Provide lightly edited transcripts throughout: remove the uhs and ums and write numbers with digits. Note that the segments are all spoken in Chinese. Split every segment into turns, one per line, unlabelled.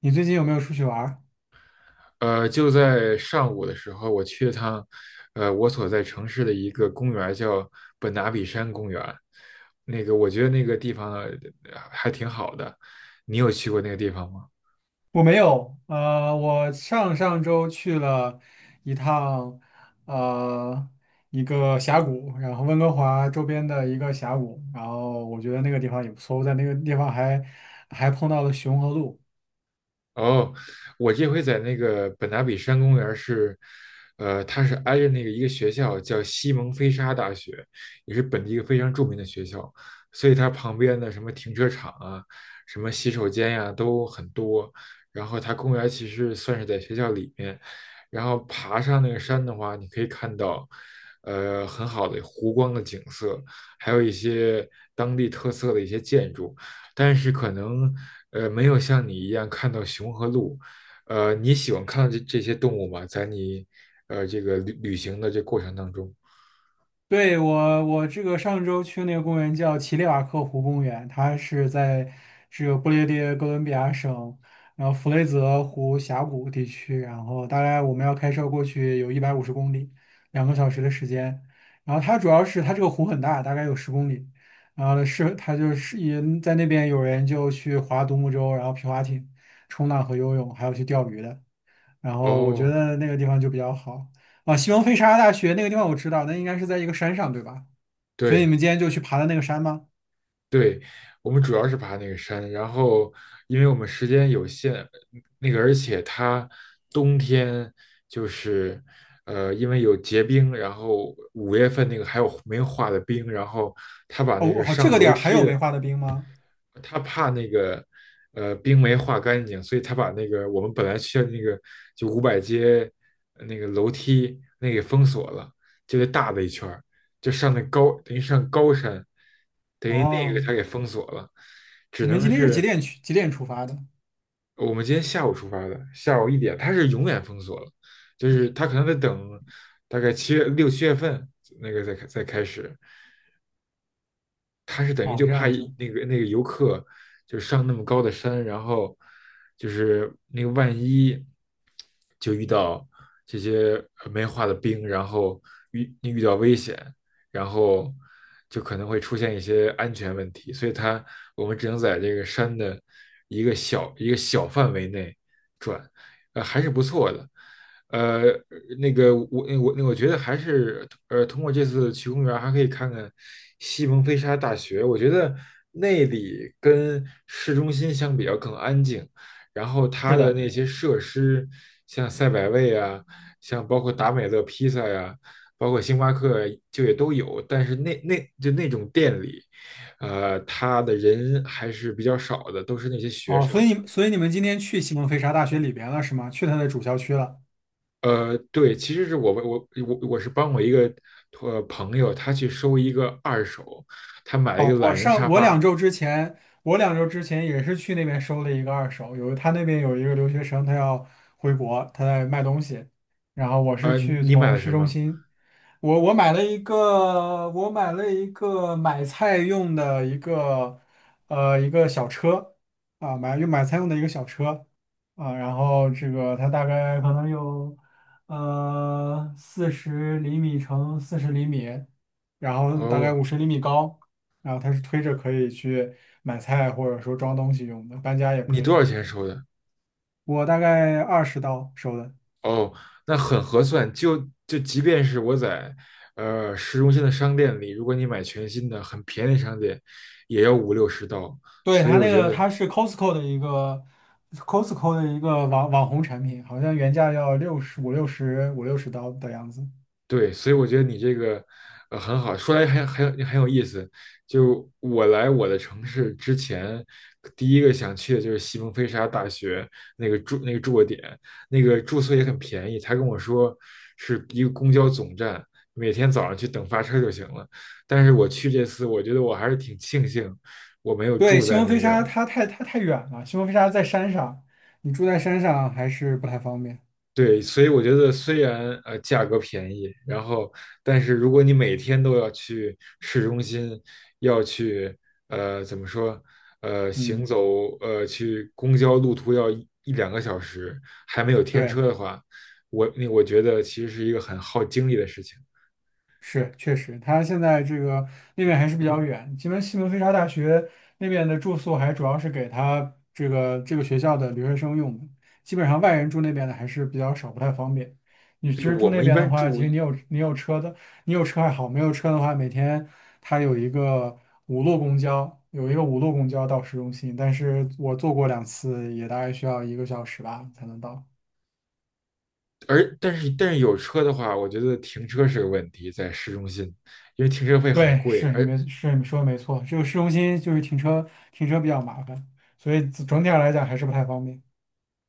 你最近有没有出去玩儿？
就在上午的时候，我去了趟，我所在城市的一个公园儿叫本拿比山公园。那个，我觉得那个地方还挺好的。你有去过那个地方吗？
我没有，我上上周去了一趟，呃，一个峡谷，然后温哥华周边的一个峡谷，然后我觉得那个地方也不错，我在那个地方还碰到了熊和鹿。
哦，我这回在那个本拿比山公园儿是，它是挨着那个一个学校叫西蒙菲沙大学，也是本地一个非常著名的学校，所以它旁边的什么停车场啊、什么洗手间呀、都很多。然后它公园儿其实算是在学校里面，然后爬上那个山的话，你可以看到，很好的湖光的景色，还有一些当地特色的一些建筑。但是可能没有像你一样看到熊和鹿。你喜欢看到这些动物吗？在你这个旅行的这过程当中？
对，我这个上周去那个公园叫奇列瓦克湖公园，它是在这个不列颠哥伦比亚省，然后弗雷泽湖峡谷地区，然后大概我们要开车过去有150公里，2个小时的时间。然后它主要是它这个湖很大，大概有十公里，然后是它就是也在那边有人就去划独木舟，然后皮划艇、冲浪和游泳，还有去钓鱼的。然后我觉
哦，
得那个地方就比较好啊。西蒙菲沙拉大学那个地方我知道，那应该是在一个山上，对吧？所以你
对
们今天就去爬的那个山吗？
对，我们主要是爬那个山，然后因为我们时间有限，那个而且它冬天就是因为有结冰，然后5月份那个还有没有化的冰，然后他把
哦，
那个
我好，这
上
个
楼
点儿还
梯
有没
的，
化的冰吗？
他怕那个冰没化干净，所以他把那个我们本来去的那个就五百街，那个楼梯那个给封锁了，就那大的一圈儿，就上那高等于上高山，等于那个
哦，
他给封锁了，只
你们
能
今天是几
是，
点去？几点出发的？
我们今天下午出发的，下午一点，他是永远封锁了，就是他可能得等大概七月六7月份那个再开再开始，他是等于
哦，
就
这
怕
样子。
那个那个游客就上那么高的山，然后就是那个万一就遇到这些没化的冰，然后遇到危险，然后就可能会出现一些安全问题，所以它我们只能在这个山的一个小一个小范围内转，还是不错的。呃，那个我觉得还是通过这次去公园，还可以看看西蒙菲沙大学。我觉得那里跟市中心相比较更安静，然后它
是
的
的。
那些设施，像赛百味啊，像包括达美乐披萨呀、包括星巴克就也都有，但是那就那种店里，他的人还是比较少的，都是那些学
哦，所
生。
以所以你们今天去西蒙菲沙大学里边了是吗？去它的主校区了。
对，其实是我是帮我一个朋友，他去收一个二手，他买了一
哦，
个懒人沙
我两
发。
周之前，也是去那边收了一个二手，有他那边有一个留学生，他要回国，他在卖东西，然后我是去
你买
从
了
市
什
中
么？
心。我买了一个，买菜用的一个，一个小车，啊，买菜用的一个小车，啊，然后这个它大概可能有，40厘米乘40厘米，然后大概
哦，
50厘米高，然后它是推着可以去买菜或者说装东西用的，搬家也
你
可
多
以。
少钱收的？
我大概20刀收的。
哦，那很合算。就即便是我在市中心的商店里，如果你买全新的，很便宜的商店，也要五六十刀。
对，
所以
它
我
那
觉
个
得，
它是 Costco 的一个 网红产品，好像原价要60刀的样子。
对，所以我觉得你这个很好，说来还很有意思。就我来我的城市之前，第一个想去的就是西蒙菲沙大学那个住那个住的点，那个住宿也很便宜。他跟我说是一个公交总站，每天早上去等发车就行了。但是我去这次，我觉得我还是挺庆幸我没有
对，
住
西
在
蒙飞
那
沙
个，
它太远了，西蒙飞沙在山上，你住在山上还是不太方便。
对，所以我觉得虽然价格便宜，然后但是如果你每天都要去市中心，要去怎么说行
嗯。
走去公交路途要一两个小时，还没有天车
对。
的话，我那我觉得其实是一个很耗精力的事情。
是，确实，他现在这个那边还是比较远，西门菲沙大学那边的住宿还主要是给他这个学校的留学生用的，基本上外人住那边的还是比较少，不太方便。你其
对，
实住
我
那
们一
边的
般
话，其
住，
实你有车的，你有车还好，没有车的话，每天他有一个五路公交，到市中心，但是我坐过2次，也大概需要一个小时吧才能到。
但是但是有车的话，我觉得停车是个问题，在市中心，因为停车费很
对，
贵，
是
而，
你没是你说的没错，这个市中心就是停车比较麻烦，所以整体上来讲还是不太方便。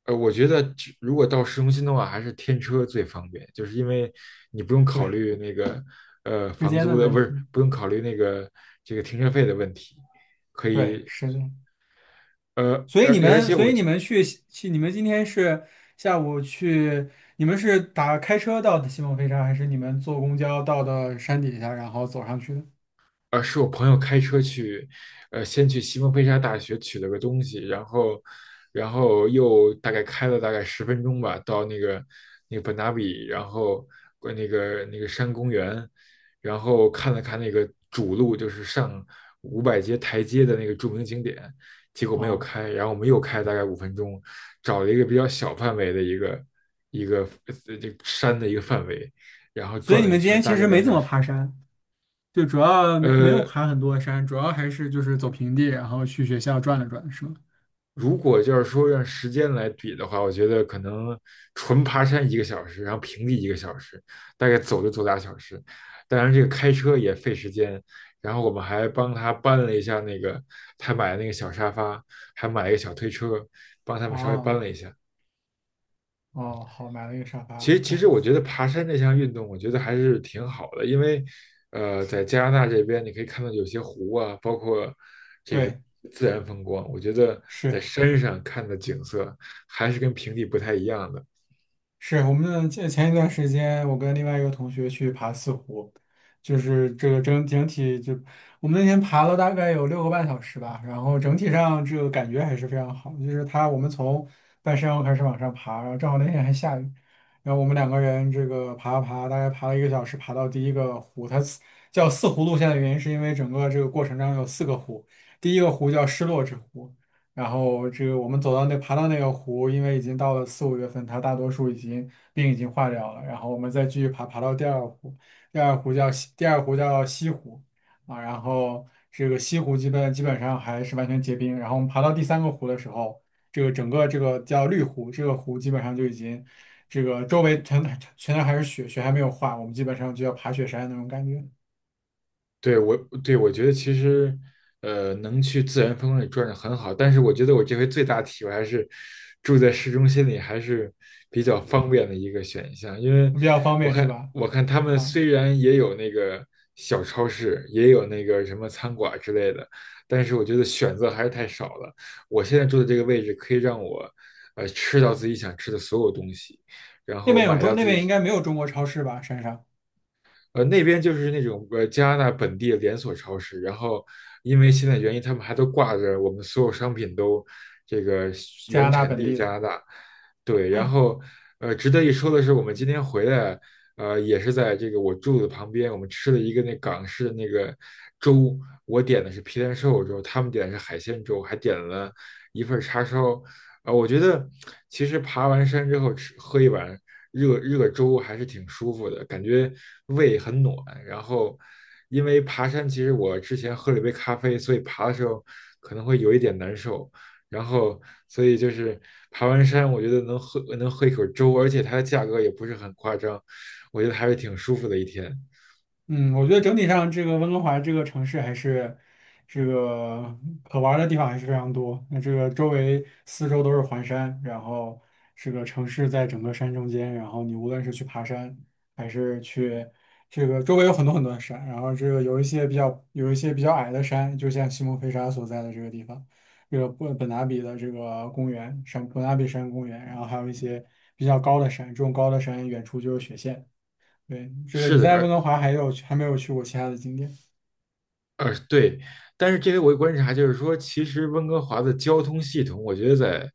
我觉得只如果到市中心的话，还是天车最方便，就是因为你不用考
对，
虑那个
时
房
间
租
的
的，
问
不是
题。
不用考虑那个这个停车费的问题，可
对，
以，
是的。
呃
所以
而
你
而
们，
且我，
去，你们今天是下午去，你们是打开车到的西蒙飞沙，还是你们坐公交到的山底下，然后走上去的？
是我朋友开车去，先去西蒙菲沙大学取了个东西，然后，然后又大概开了大概10分钟吧，到那个那个本纳比，然后那个那个山公园，然后看了看那个主路，就是上500阶台阶的那个著名景点，结果没有
哦，
开，然后我们又开了大概5分钟，找了一个比较小范围的一个一个这个山的一个范围，然后
所
转
以你
了一
们今
圈，
天
大
其
概
实
俩
没怎
小
么
时。
爬山，就主要没有
呃，
爬很多山，主要还是就是走平地，然后去学校转了转，是吗？
如果就是说让时间来比的话，我觉得可能纯爬山一个小时，然后平地一个小时，大概走就走俩小时。当然，这个开车也费时间。然后我们还帮他搬了一下那个他买的那个小沙发，还买了一个小推车，帮他们稍微搬
哦。
了一下。
哦，好，买了一个沙
其
发。
实，其
OK。
实我觉得爬山这项运动，我觉得还是挺好的，因为，在加拿大这边，你可以看到有些湖啊，包括这个
对，
自然风光，我觉得在
是
山上看的景色还是跟平地不太一样的。
是，我们前一段时间，我跟另外一个同学去爬四湖，就是这个整体就我们那天爬了大概有6个半小时吧，然后整体上这个感觉还是非常好。就是他，我们从半山腰开始往上爬，然后正好那天还下雨，然后我们两个人这个爬啊爬，大概爬了一个小时，爬到第一个湖，叫四湖路线的原因是因为整个这个过程中有四个湖，第一个湖叫失落之湖。然后这个我们走到那爬到那个湖，因为已经到了4、5月份，它大多数冰已经化掉了。然后我们再继续爬，爬到第二湖，第二湖叫西湖啊。然后这个西湖基本上还是完全结冰。然后我们爬到第三个湖的时候，这个整个这个叫绿湖，这个湖基本上就已经这个周围全都还是雪，雪还没有化，我们基本上就要爬雪山那种感觉，
对我，对我觉得其实，能去自然风光里转转很好，但是我觉得我这回最大体会还是住在市中心里还是比较方便的一个选项，因为
比较方
我
便是
看
吧？
我看他们
啊，
虽然也有那个小超市，也有那个什么餐馆之类的，但是我觉得选择还是太少了。我现在住的这个位置可以让我，吃到自己想吃的所有东西，然后买到
那
自
边应
己。
该没有中国超市吧？山上，
那边就是那种加拿大本地的连锁超市，然后因为现在原因，他们还都挂着我们所有商品都这个
加
原
拿大
产
本
地
地
加
的。
拿大，对，然后值得一说的是，我们今天回来，也是在这个我住的旁边，我们吃了一个那港式的那个粥，我点的是皮蛋瘦肉粥，他们点的是海鲜粥，还点了一份叉烧，我觉得其实爬完山之后吃喝一碗,热热粥还是挺舒服的，感觉胃很暖。然后，因为爬山，其实我之前喝了一杯咖啡，所以爬的时候可能会有一点难受。然后，所以就是爬完山，我觉得能喝一口粥，而且它的价格也不是很夸张，我觉得还是挺舒服的一天。
嗯，我觉得整体上这个温哥华这个城市还是这个可玩儿的地方还是非常多。那这个周围四周都是环山，然后这个城市在整个山中间，然后你无论是去爬山还是去这个周围有很多很多的山，然后这个有一些比较矮的山，就像西蒙菲沙所在的这个地方，这个本拿比的这个公园山本拿比山公园，然后还有一些比较高的山，这种高的山远处就是雪线。对，这个
是
你
的，
在温哥华还有还没有去过其他的景点？
对，但是这里我有观察就是说，其实温哥华的交通系统，我觉得在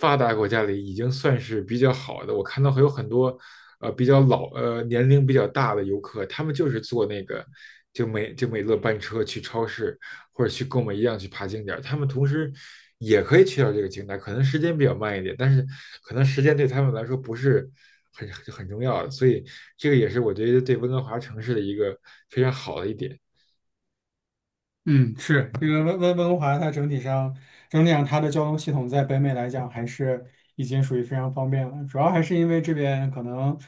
发达国家里已经算是比较好的。我看到还有很多比较老年龄比较大的游客，他们就是坐那个就美乐班车去超市或者去购买一样去爬景点儿，他们同时也可以去到这个景点儿，可能时间比较慢一点，但是可能时间对他们来说不是很重要的，所以这个也是我觉得对温哥华城市的一个非常好的一点。
嗯，是，这个温哥华，它整体上它的交通系统在北美来讲还是已经属于非常方便了，主要还是因为这边可能。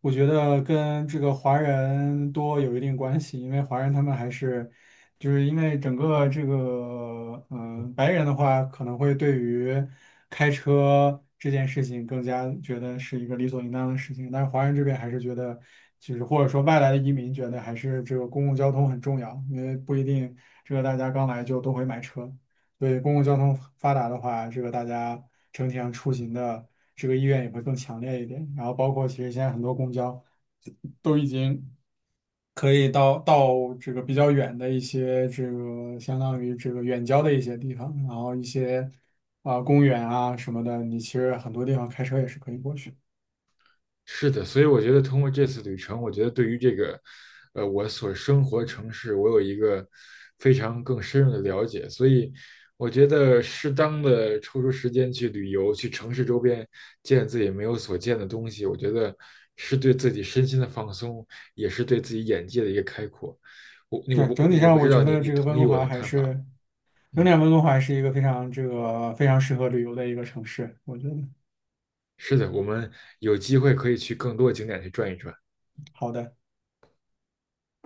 我觉得跟这个华人多有一定关系，因为华人他们还是，就是因为整个这个，嗯、白人的话可能会对于开车这件事情更加觉得是一个理所应当的事情，但是华人这边还是觉得，就是或者说外来的移民觉得还是这个公共交通很重要，因为不一定这个大家刚来就都会买车。对，公共交通发达的话，这个大家整体上出行的这个意愿也会更强烈一点。然后包括其实现在很多公交都已经可以到这个比较远的一些这个相当于这个远郊的一些地方，然后一些啊、公园啊什么的，你其实很多地方开车也是可以过去。
是的，所以我觉得通过这次旅程，我觉得对于这个，我所生活的城市，我有一个非常更深入的了解。所以我觉得适当的抽出时间去旅游，去城市周边见自己没有所见的东西，我觉得是对自己身心的放松，也是对自己眼界的一个开阔。我你我
对，
不
整
你
体
我
上，
不知
我
道
觉
你
得这个
同
温
意
哥
我的
华还
看法吗？
是仍
嗯，
点温哥华是一个非常适合旅游的一个城市，我觉得
是的，我们有机会可以去更多景点去转一转。
好的。